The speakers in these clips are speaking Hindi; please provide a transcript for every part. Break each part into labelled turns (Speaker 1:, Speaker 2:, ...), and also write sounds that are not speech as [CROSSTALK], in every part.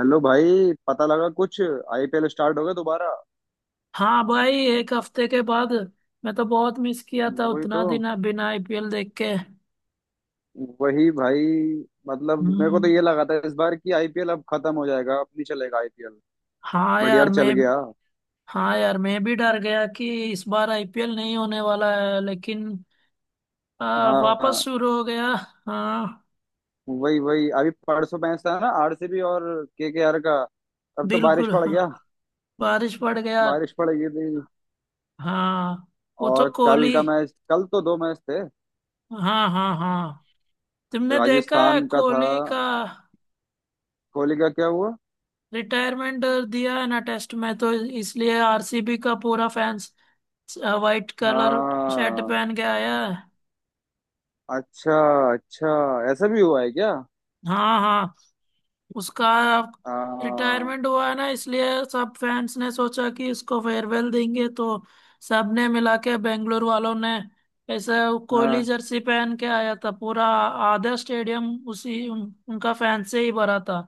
Speaker 1: हेलो भाई पता लगा कुछ आईपीएल स्टार्ट हो गया दोबारा।
Speaker 2: हाँ भाई। एक हफ्ते के बाद। मैं तो बहुत मिस किया था
Speaker 1: वही
Speaker 2: उतना
Speaker 1: तो।
Speaker 2: दिन, अब बिना आईपीएल देख के।
Speaker 1: वही भाई। मतलब मेरे को तो
Speaker 2: हम्म।
Speaker 1: ये लगा था इस बार कि आईपीएल अब खत्म हो जाएगा, अब नहीं चलेगा आईपीएल।
Speaker 2: हाँ
Speaker 1: बट
Speaker 2: यार
Speaker 1: यार चल
Speaker 2: मैं
Speaker 1: गया।
Speaker 2: हाँ यार मैं भी डर गया कि इस बार आईपीएल नहीं होने वाला है, लेकिन वापस
Speaker 1: हाँ।
Speaker 2: शुरू हो गया। हाँ।
Speaker 1: वही वही अभी परसों मैच था ना, आरसीबी और केकेआर का। तब तो बारिश
Speaker 2: बिल्कुल
Speaker 1: पड़
Speaker 2: हाँ।
Speaker 1: गया।
Speaker 2: बारिश पड़ गया।
Speaker 1: बारिश पड़ गई थी।
Speaker 2: हाँ। वो तो
Speaker 1: और कल
Speaker 2: कोहली।
Speaker 1: का मैच, कल तो दो मैच थे।
Speaker 2: हाँ हाँ हाँ। तुमने देखा है
Speaker 1: राजस्थान का था।
Speaker 2: कोहली का?
Speaker 1: कोहली का क्या हुआ?
Speaker 2: रिटायरमेंट दिया है ना टेस्ट में, तो इसलिए आरसीबी का पूरा फैंस वाइट कलर शर्ट
Speaker 1: हाँ।
Speaker 2: पहन के आया है।
Speaker 1: अच्छा। अच्छा। ऐसा भी हुआ है क्या?
Speaker 2: हाँ हाँ। उसका
Speaker 1: हाँ।
Speaker 2: रिटायरमेंट हुआ है ना, इसलिए सब फैंस ने सोचा कि इसको फेयरवेल देंगे, तो सब ने मिला के, बेंगलोर वालों ने, ऐसे कोहली
Speaker 1: हाँ।
Speaker 2: जर्सी पहन के आया था पूरा। आधा स्टेडियम उनका फैन से ही भरा था।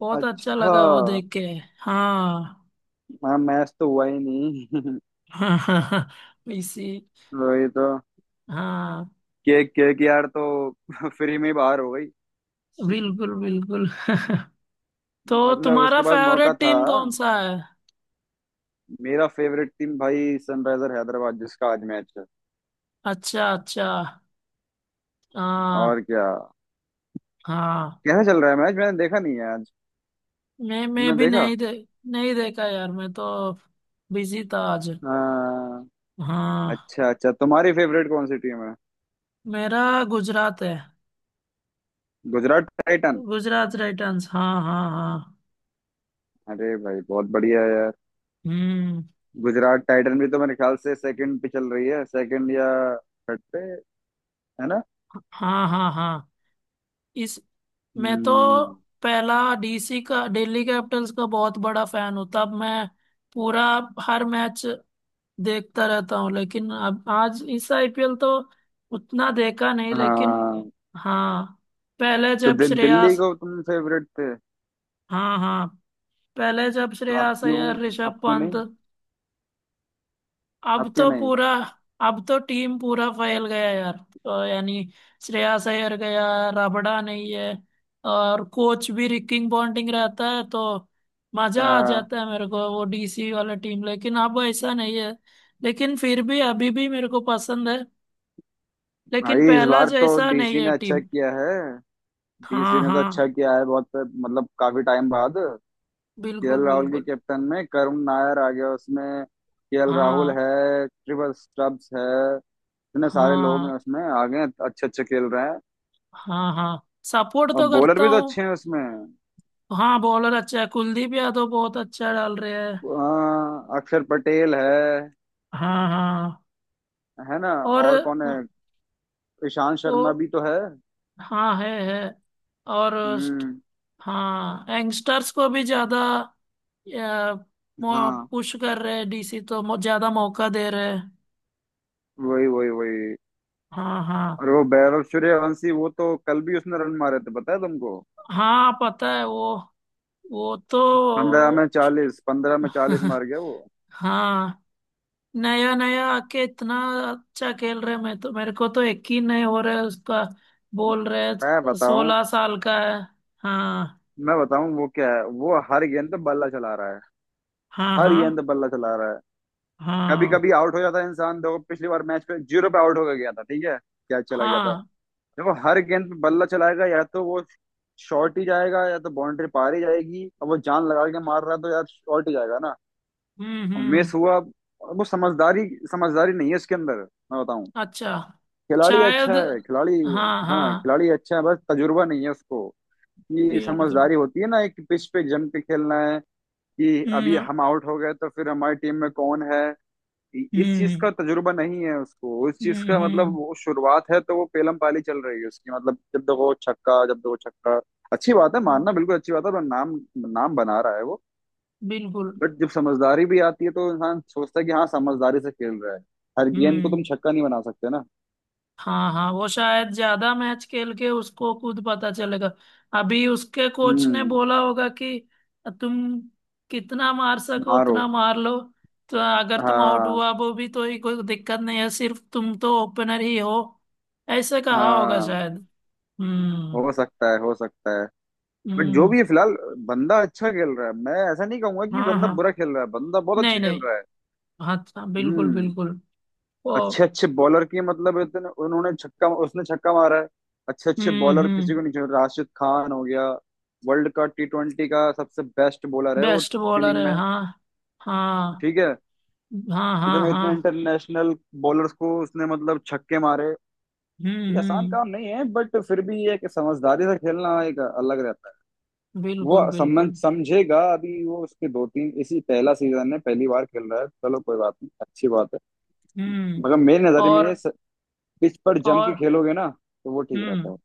Speaker 2: बहुत अच्छा
Speaker 1: अच्छा।
Speaker 2: लगा वो देख के। हाँ।
Speaker 1: हाँ मैच तो हुआ ही नहीं [LAUGHS]
Speaker 2: [LAUGHS] इसी।
Speaker 1: वही तो।
Speaker 2: हाँ
Speaker 1: केक केक यार तो [LAUGHS] फ्री में ही बाहर हो गई।
Speaker 2: बिल्कुल बिल्कुल। [LAUGHS] तो
Speaker 1: मतलब
Speaker 2: तुम्हारा
Speaker 1: उसके पास मौका
Speaker 2: फेवरेट
Speaker 1: था।
Speaker 2: टीम कौन सा है?
Speaker 1: मेरा फेवरेट टीम भाई सनराइजर हैदराबाद, जिसका आज मैच है।
Speaker 2: अच्छा अच्छा। हाँ
Speaker 1: और क्या।
Speaker 2: हाँ।
Speaker 1: कैसा चल रहा है मैच? मैंने देखा नहीं है आज।
Speaker 2: मैं
Speaker 1: तुमने
Speaker 2: भी
Speaker 1: देखा?
Speaker 2: नहीं देखा यार। मैं तो बिजी था आज।
Speaker 1: हाँ।
Speaker 2: हाँ।
Speaker 1: अच्छा अच्छा। तुम्हारी फेवरेट कौन सी टीम है?
Speaker 2: मेरा गुजरात है।
Speaker 1: गुजरात टाइटन?
Speaker 2: गुजरात राइटन्स। हाँ हाँ हाँ।
Speaker 1: अरे भाई बहुत बढ़िया है यार।
Speaker 2: हम्म।
Speaker 1: गुजरात टाइटन भी तो मेरे ख्याल से सेकंड पे चल रही है, सेकंड या थर्ड पे। है ना?
Speaker 2: हाँ हाँ हाँ। इस मैं तो
Speaker 1: हम्म।
Speaker 2: पहला डीसी का, दिल्ली कैपिटल्स का बहुत बड़ा फैन हूँ। तब मैं पूरा हर मैच देखता रहता हूँ, लेकिन अब आज इस आईपीएल तो उतना देखा नहीं, लेकिन।
Speaker 1: हाँ
Speaker 2: हाँ। पहले
Speaker 1: तो
Speaker 2: जब
Speaker 1: दिल्ली
Speaker 2: श्रेयस
Speaker 1: को तुम फेवरेट थे?
Speaker 2: हाँ हाँ। पहले जब
Speaker 1: तो अब
Speaker 2: श्रेयस
Speaker 1: क्यों?
Speaker 2: अय्यर,
Speaker 1: अब
Speaker 2: ऋषभ
Speaker 1: क्यों
Speaker 2: पंत।
Speaker 1: नहीं? अब
Speaker 2: अब
Speaker 1: क्यों
Speaker 2: तो
Speaker 1: नहीं?
Speaker 2: पूरा अब तो टीम पूरा फैल गया यार। तो यानी श्रेयस अय्यर गया, रबड़ा नहीं है, और कोच भी रिकिंग पॉन्टिंग रहता है, तो मजा आ
Speaker 1: आ,
Speaker 2: जाता है मेरे को वो डीसी वाला टीम। लेकिन अब ऐसा नहीं है। लेकिन फिर भी अभी भी मेरे को पसंद है, लेकिन
Speaker 1: भाई इस
Speaker 2: पहला
Speaker 1: बार तो
Speaker 2: जैसा नहीं
Speaker 1: डीसी
Speaker 2: है
Speaker 1: ने अच्छा
Speaker 2: टीम।
Speaker 1: किया है। डीसी
Speaker 2: हाँ
Speaker 1: ने तो
Speaker 2: हाँ।
Speaker 1: अच्छा किया है बहुत, मतलब काफी टाइम बाद। केएल
Speaker 2: बिल्कुल
Speaker 1: राहुल के
Speaker 2: बिल्कुल।
Speaker 1: कैप्टन में करुण नायर आ गया उसमें, केएल राहुल
Speaker 2: हाँ
Speaker 1: है, ट्रिपल स्टब्स है, इतने सारे लोग हैं
Speaker 2: हाँ
Speaker 1: उसमें आ गए, अच्छे अच्छे खेल रहे हैं।
Speaker 2: हाँ। हाँ सपोर्ट
Speaker 1: और
Speaker 2: तो
Speaker 1: बॉलर
Speaker 2: करता
Speaker 1: भी तो
Speaker 2: हूँ।
Speaker 1: अच्छे हैं उसमें।
Speaker 2: हाँ बॉलर अच्छा है। कुलदीप यादव बहुत अच्छा डाल रहे हैं।
Speaker 1: अक्षर पटेल है।
Speaker 2: हाँ हाँ।
Speaker 1: है ना?
Speaker 2: और
Speaker 1: और कौन है? ईशान
Speaker 2: वो।
Speaker 1: शर्मा भी तो है।
Speaker 2: हाँ है है। और।
Speaker 1: हम्म।
Speaker 2: हाँ यंगस्टर्स को भी ज्यादा
Speaker 1: हाँ
Speaker 2: पुश कर रहे हैं डीसी तो, ज्यादा मौका दे रहे हैं।
Speaker 1: वही वही वही।
Speaker 2: हाँ हाँ
Speaker 1: और वो वैभव सूर्यवंशी, वो तो कल भी उसने रन मारे थे, पता है तुमको?
Speaker 2: हाँ पता है वो। वो तो
Speaker 1: 15 में 40, 15 में चालीस
Speaker 2: [LAUGHS]
Speaker 1: मार गया वो।
Speaker 2: हाँ। नया नया आके इतना अच्छा खेल रहे हैं, मैं तो, मेरे को तो यकीन नहीं हो रहा है उसका। बोल रहे
Speaker 1: मैं बताऊं?
Speaker 2: 16 साल का है। हाँ
Speaker 1: मैं बताऊं वो क्या है, वो हर गेंद पे बल्ला चला रहा है।
Speaker 2: हाँ
Speaker 1: हर गेंद
Speaker 2: हाँ
Speaker 1: पे बल्ला चला रहा है। कभी
Speaker 2: हाँ
Speaker 1: कभी आउट हो जाता है इंसान, देखो पिछली बार मैच पे जीरो पे आउट होकर गया था, ठीक है? क्या चला गया था।
Speaker 2: हाँ।
Speaker 1: देखो हर गेंद पे बल्ला चलाएगा, या तो वो शॉर्ट ही जाएगा या तो बाउंड्री पार ही जाएगी, अब वो जान लगा के मार रहा है तो यार शॉर्ट ही जाएगा ना।
Speaker 2: हम्म।
Speaker 1: मिस हुआ। वो समझदारी, समझदारी नहीं है उसके अंदर। मैं बताऊं।
Speaker 2: अच्छा।
Speaker 1: खिलाड़ी
Speaker 2: शायद।
Speaker 1: अच्छा है, खिलाड़ी।
Speaker 2: हाँ
Speaker 1: हाँ
Speaker 2: हाँ।
Speaker 1: खिलाड़ी अच्छा है, बस तजुर्बा नहीं है उसको। ये
Speaker 2: बिल्कुल।
Speaker 1: समझदारी होती है ना एक पिच पे जम के खेलना है, कि अभी
Speaker 2: हम्म
Speaker 1: हम आउट हो गए तो फिर हमारी टीम में कौन है। इस चीज
Speaker 2: हम्म।
Speaker 1: का तजुर्बा नहीं है उसको, उस चीज का,
Speaker 2: हम्म
Speaker 1: मतलब
Speaker 2: हम्म,
Speaker 1: वो शुरुआत है तो वो पेलम पाली चल रही है उसकी, मतलब जब देखो छक्का, जब देखो छक्का। अच्छी बात है,
Speaker 2: हम्म,
Speaker 1: मानना, बिल्कुल अच्छी बात है और नाम नाम बना रहा है वो।
Speaker 2: बिल्कुल।
Speaker 1: बट जब समझदारी भी आती है तो इंसान सोचता है कि हाँ समझदारी से खेल रहा है। हर गेंद को तुम
Speaker 2: हम्म।
Speaker 1: छक्का नहीं बना सकते ना।
Speaker 2: हाँ हाँ वो शायद ज्यादा मैच खेल के उसको खुद पता चलेगा। अभी उसके कोच ने
Speaker 1: हम्म।
Speaker 2: बोला होगा कि तुम कितना मार सको
Speaker 1: मारो।
Speaker 2: उतना मार लो, तो अगर तुम आउट
Speaker 1: हाँ।
Speaker 2: हुआ वो भी तो ही, कोई दिक्कत नहीं है, सिर्फ तुम तो ओपनर ही हो। ऐसे कहा होगा
Speaker 1: हाँ
Speaker 2: शायद। हम्म
Speaker 1: हो सकता है, हो सकता है। बट जो
Speaker 2: हम्म।
Speaker 1: भी है फिलहाल बंदा अच्छा खेल रहा है, मैं ऐसा नहीं कहूंगा कि
Speaker 2: हाँ
Speaker 1: बंदा
Speaker 2: हाँ।
Speaker 1: बुरा खेल रहा है, बंदा बहुत
Speaker 2: नहीं
Speaker 1: अच्छा खेल
Speaker 2: नहीं।
Speaker 1: रहा है।
Speaker 2: हाँ हाँ, बिल्कुल
Speaker 1: हम्म।
Speaker 2: बिल्कुल। वो।
Speaker 1: अच्छे अच्छे बॉलर की, मतलब इतने उन्होंने छक्का, उसने छक्का मारा है, अच्छे अच्छे बॉलर किसी
Speaker 2: हम्म।
Speaker 1: को नहीं छोड़, राशिद खान हो गया। वर्ल्ड का T20 का सबसे बेस्ट बॉलर है वो
Speaker 2: बेस्ट बॉलर
Speaker 1: स्पिनिंग
Speaker 2: है
Speaker 1: में।
Speaker 2: हाँ। हाँ
Speaker 1: ठीक है।
Speaker 2: हाँ हाँ
Speaker 1: इतने इतने
Speaker 2: हाँ।
Speaker 1: इंटरनेशनल बॉलर्स को उसने मतलब छक्के मारे। ये आसान
Speaker 2: हम्म।
Speaker 1: काम नहीं है, बट फिर भी एक समझदारी से खेलना एक अलग रहता है। वो
Speaker 2: बिल्कुल बिल्कुल।
Speaker 1: समझेगा अभी वो, उसके दो तीन इसी, पहला सीजन है, पहली बार खेल रहा है, चलो कोई बात नहीं, अच्छी बात है।
Speaker 2: हम्म।
Speaker 1: मगर मेरी नजर
Speaker 2: और।
Speaker 1: में पिच पर जम के
Speaker 2: और।
Speaker 1: खेलोगे ना तो वो ठीक रहता है।
Speaker 2: हम्म।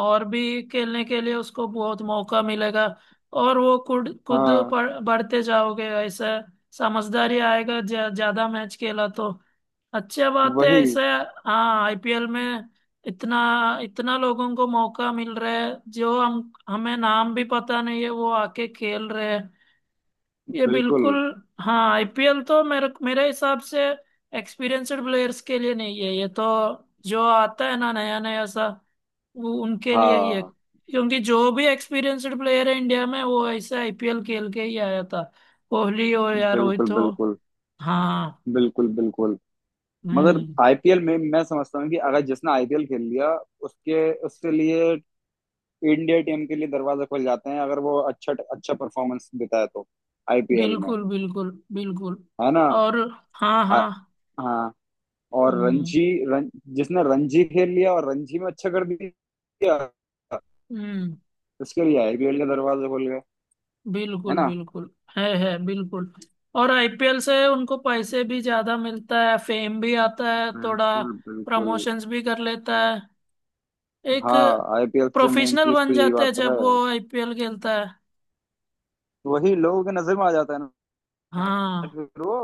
Speaker 2: और भी खेलने के लिए उसको बहुत मौका मिलेगा, और वो खुद खुद
Speaker 1: हाँ
Speaker 2: बढ़ते जाओगे ऐसा। समझदारी आएगा ज्यादा मैच खेला तो। अच्छा बात है
Speaker 1: वही।
Speaker 2: ऐसे। हाँ आईपीएल में इतना इतना लोगों को मौका मिल रहा है, जो हम हमें नाम भी पता नहीं है वो आके खेल रहे हैं ये।
Speaker 1: बिल्कुल।
Speaker 2: बिल्कुल। हाँ आईपीएल तो मेरे मेरे हिसाब से एक्सपीरियंस्ड प्लेयर्स के लिए नहीं है ये तो। जो आता है ना नया नया सा, वो उनके लिए ही है,
Speaker 1: हाँ।
Speaker 2: क्योंकि जो भी एक्सपीरियंस्ड प्लेयर है इंडिया में वो ऐसे आईपीएल खेल के ही आया था, कोहली हो या रोहित
Speaker 1: बिल्कुल
Speaker 2: हो।
Speaker 1: बिल्कुल
Speaker 2: हाँ।
Speaker 1: बिल्कुल बिल्कुल। मगर
Speaker 2: हम्म।
Speaker 1: आईपीएल में मैं समझता हूँ कि अगर जिसने आईपीएल खेल लिया उसके उसके लिए इंडिया टीम के लिए दरवाजे खुल जाते हैं, अगर वो अच्छा अच्छा परफॉर्मेंस देता है तो आईपीएल में।
Speaker 2: बिल्कुल बिल्कुल बिल्कुल।
Speaker 1: है ना?
Speaker 2: और। हाँ
Speaker 1: आ,
Speaker 2: हाँ।
Speaker 1: हाँ। और
Speaker 2: हम्म
Speaker 1: रणजी, रण, जिसने रणजी खेल लिया और रणजी में अच्छा कर दिया,
Speaker 2: हम्म।
Speaker 1: उसके लिए आईपीएल के दरवाजे खुल गए। है
Speaker 2: बिल्कुल
Speaker 1: ना?
Speaker 2: बिल्कुल। है बिल्कुल। और आईपीएल से उनको पैसे भी ज्यादा मिलता है, फेम भी आता है थोड़ा,
Speaker 1: बिल्कुल बिल्कुल।
Speaker 2: प्रमोशंस भी कर लेता है। एक
Speaker 1: हाँ आईपीएल से मेन
Speaker 2: प्रोफेशनल
Speaker 1: चीज तो
Speaker 2: बन
Speaker 1: यही
Speaker 2: जाता है
Speaker 1: बात तो
Speaker 2: जब वो
Speaker 1: है,
Speaker 2: आईपीएल खेलता है।
Speaker 1: वही लोगों के नजर में आ जाता है ना।
Speaker 2: हाँ
Speaker 1: फिर वो,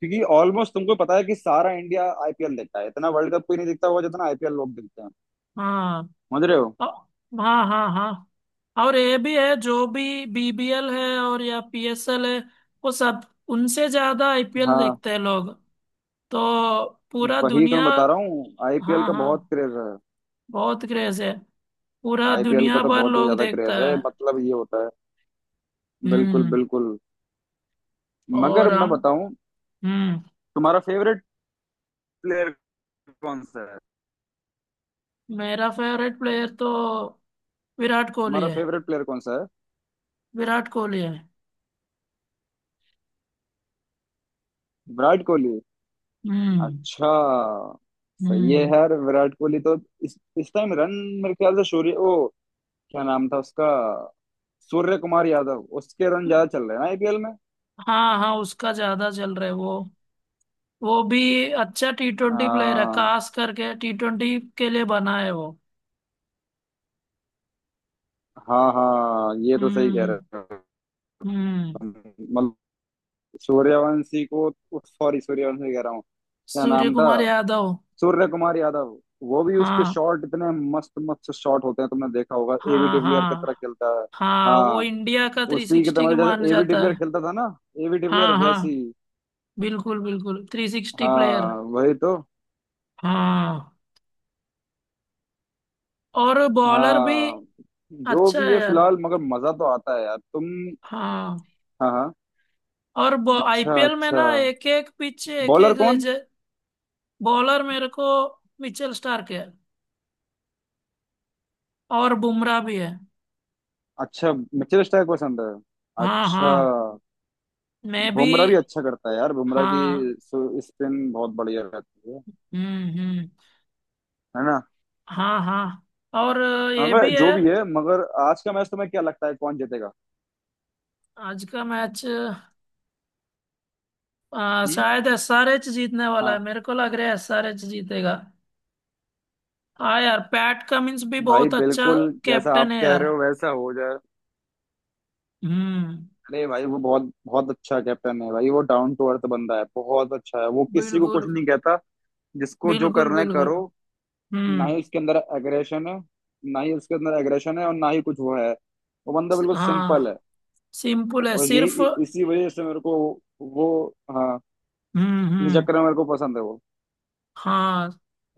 Speaker 1: क्योंकि ऑलमोस्ट तुमको पता है कि सारा इंडिया आईपीएल देखता है, इतना वर्ल्ड कप कोई नहीं देखता होगा जितना आईपीएल लोग देखते हैं।
Speaker 2: हाँ।
Speaker 1: समझ रहे हो?
Speaker 2: अ- हाँ हाँ हाँ। और ये भी है जो भी बीबीएल है और या पीएसएल है वो सब, उनसे ज्यादा आईपीएल
Speaker 1: हाँ
Speaker 2: देखते हैं लोग, तो पूरा
Speaker 1: वही तो
Speaker 2: दुनिया।
Speaker 1: मैं बता रहा हूँ, आईपीएल
Speaker 2: हाँ
Speaker 1: का
Speaker 2: हाँ।
Speaker 1: बहुत क्रेज है।
Speaker 2: बहुत क्रेज है। पूरा
Speaker 1: आईपीएल का
Speaker 2: दुनिया
Speaker 1: तो
Speaker 2: भर
Speaker 1: बहुत ही
Speaker 2: लोग
Speaker 1: ज्यादा
Speaker 2: देखता
Speaker 1: क्रेज
Speaker 2: है।
Speaker 1: है, मतलब ये होता है। बिल्कुल
Speaker 2: हम्म।
Speaker 1: बिल्कुल। मगर
Speaker 2: और
Speaker 1: मैं
Speaker 2: हम
Speaker 1: बताऊं,
Speaker 2: हम्म।
Speaker 1: तुम्हारा फेवरेट प्लेयर कौन सा है?
Speaker 2: मेरा फेवरेट प्लेयर तो विराट कोहली
Speaker 1: तुम्हारा
Speaker 2: है।
Speaker 1: फेवरेट प्लेयर कौन सा है?
Speaker 2: विराट कोहली है।
Speaker 1: विराट कोहली?
Speaker 2: हम्म
Speaker 1: अच्छा। सही है
Speaker 2: हम्म।
Speaker 1: यार, विराट कोहली तो। इस टाइम रन मेरे ख्याल से सूर्य ओ क्या नाम था उसका, सूर्य कुमार यादव, उसके रन ज्यादा चल रहे हैं आईपीएल में।
Speaker 2: हाँ हाँ उसका ज्यादा चल रहा है। वो भी अच्छा T20 प्लेयर है,
Speaker 1: हाँ
Speaker 2: खास करके T20 के लिए बना है वो।
Speaker 1: हाँ हाँ, ये तो सही कह
Speaker 2: हम्म
Speaker 1: रहे हो
Speaker 2: हम्म।
Speaker 1: तुम। सूर्यवंशी को, सॉरी, सूर्यवंशी कह रहा हूँ, क्या
Speaker 2: सूर्य
Speaker 1: नाम था?
Speaker 2: कुमार यादव।
Speaker 1: सूर्य कुमार यादव। वो भी उसके
Speaker 2: हाँ
Speaker 1: शॉट इतने मस्त मस्त शॉट होते हैं, तुमने देखा होगा, एबी
Speaker 2: हाँ
Speaker 1: डिविलियर की
Speaker 2: हाँ।
Speaker 1: तरह खेलता है।
Speaker 2: हाँ वो
Speaker 1: हाँ
Speaker 2: इंडिया का थ्री
Speaker 1: उसी की तरह,
Speaker 2: सिक्सटी के
Speaker 1: मतलब
Speaker 2: माना
Speaker 1: जैसे एबी
Speaker 2: जाता
Speaker 1: डिविलियर
Speaker 2: है।
Speaker 1: खेलता था ना, एबी डिविलियर
Speaker 2: हाँ
Speaker 1: वैसी।
Speaker 2: हाँ। बिल्कुल बिल्कुल 360 प्लेयर।
Speaker 1: हाँ वही तो।
Speaker 2: हाँ। और बॉलर भी
Speaker 1: हाँ जो
Speaker 2: अच्छा
Speaker 1: भी है
Speaker 2: है यार।
Speaker 1: फिलहाल, मगर मजा तो आता है यार तुम।
Speaker 2: हाँ
Speaker 1: हाँ हाँ।
Speaker 2: और
Speaker 1: अच्छा
Speaker 2: आईपीएल में
Speaker 1: अच्छा।
Speaker 2: ना एक एक पिच एक
Speaker 1: बॉलर
Speaker 2: एक
Speaker 1: कौन?
Speaker 2: बॉलर मेरे को, मिचेल स्टार्क है और बुमराह भी है।
Speaker 1: अच्छा। मिचेल स्टार्क पसंद है?
Speaker 2: हाँ
Speaker 1: अच्छा।
Speaker 2: हाँ। मैं भी।
Speaker 1: बुमराह भी अच्छा करता है यार, बुमराह की
Speaker 2: हाँ।
Speaker 1: स्पिन बहुत बढ़िया रहती है।
Speaker 2: हम्म।
Speaker 1: है ना?
Speaker 2: हाँ हाँ। और ये
Speaker 1: मगर
Speaker 2: भी है।
Speaker 1: जो भी है, मगर आज का मैच तुम्हें क्या लगता है कौन जीतेगा?
Speaker 2: आज का मैच,
Speaker 1: हम्म।
Speaker 2: शायद एसआरएच जीतने वाला है।
Speaker 1: हाँ।
Speaker 2: मेरे को लग रहा है एसआरएच जीतेगा। हाँ यार पैट कमिंस भी
Speaker 1: भाई
Speaker 2: बहुत अच्छा
Speaker 1: बिल्कुल जैसा
Speaker 2: कैप्टन
Speaker 1: आप
Speaker 2: है
Speaker 1: कह
Speaker 2: यार।
Speaker 1: रहे हो वैसा हो जाए।
Speaker 2: हम्म।
Speaker 1: अरे भाई वो बहुत बहुत अच्छा कैप्टन है भाई, वो डाउन टू अर्थ बंदा है, बहुत अच्छा है वो, किसी को
Speaker 2: बिल्कुल
Speaker 1: कुछ नहीं कहता, जिसको जो
Speaker 2: बिल्कुल
Speaker 1: करना है
Speaker 2: बिल्कुल।
Speaker 1: करो। ना
Speaker 2: हम्म।
Speaker 1: ही उसके अंदर एग्रेशन है, ना ही उसके अंदर एग्रेशन है और ना ही कुछ वो है। वो बंदा बिल्कुल सिंपल है।
Speaker 2: हाँ सिंपल है
Speaker 1: और
Speaker 2: सिर्फ।
Speaker 1: यही इसी वजह से मेरे को वो, हाँ, इस
Speaker 2: हम्म।
Speaker 1: चक्कर में मेरे को पसंद है वो।
Speaker 2: हाँ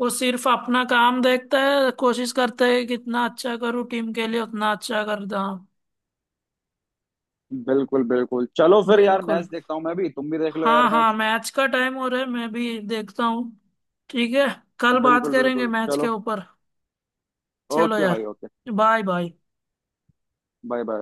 Speaker 2: वो सिर्फ अपना काम देखता है, कोशिश करता है कि कितना अच्छा करूँ टीम के लिए, उतना अच्छा करता।
Speaker 1: बिल्कुल बिल्कुल, चलो फिर यार मैच
Speaker 2: बिल्कुल।
Speaker 1: देखता हूँ मैं भी, तुम भी देख लो यार
Speaker 2: हाँ हाँ
Speaker 1: मैच।
Speaker 2: मैच का टाइम हो रहा है, मैं भी देखता हूँ। ठीक है। कल बात
Speaker 1: बिल्कुल
Speaker 2: करेंगे
Speaker 1: बिल्कुल।
Speaker 2: मैच के
Speaker 1: चलो।
Speaker 2: ऊपर। चलो
Speaker 1: ओके
Speaker 2: यार।
Speaker 1: भाई okay.
Speaker 2: Bye bye.
Speaker 1: Bye bye.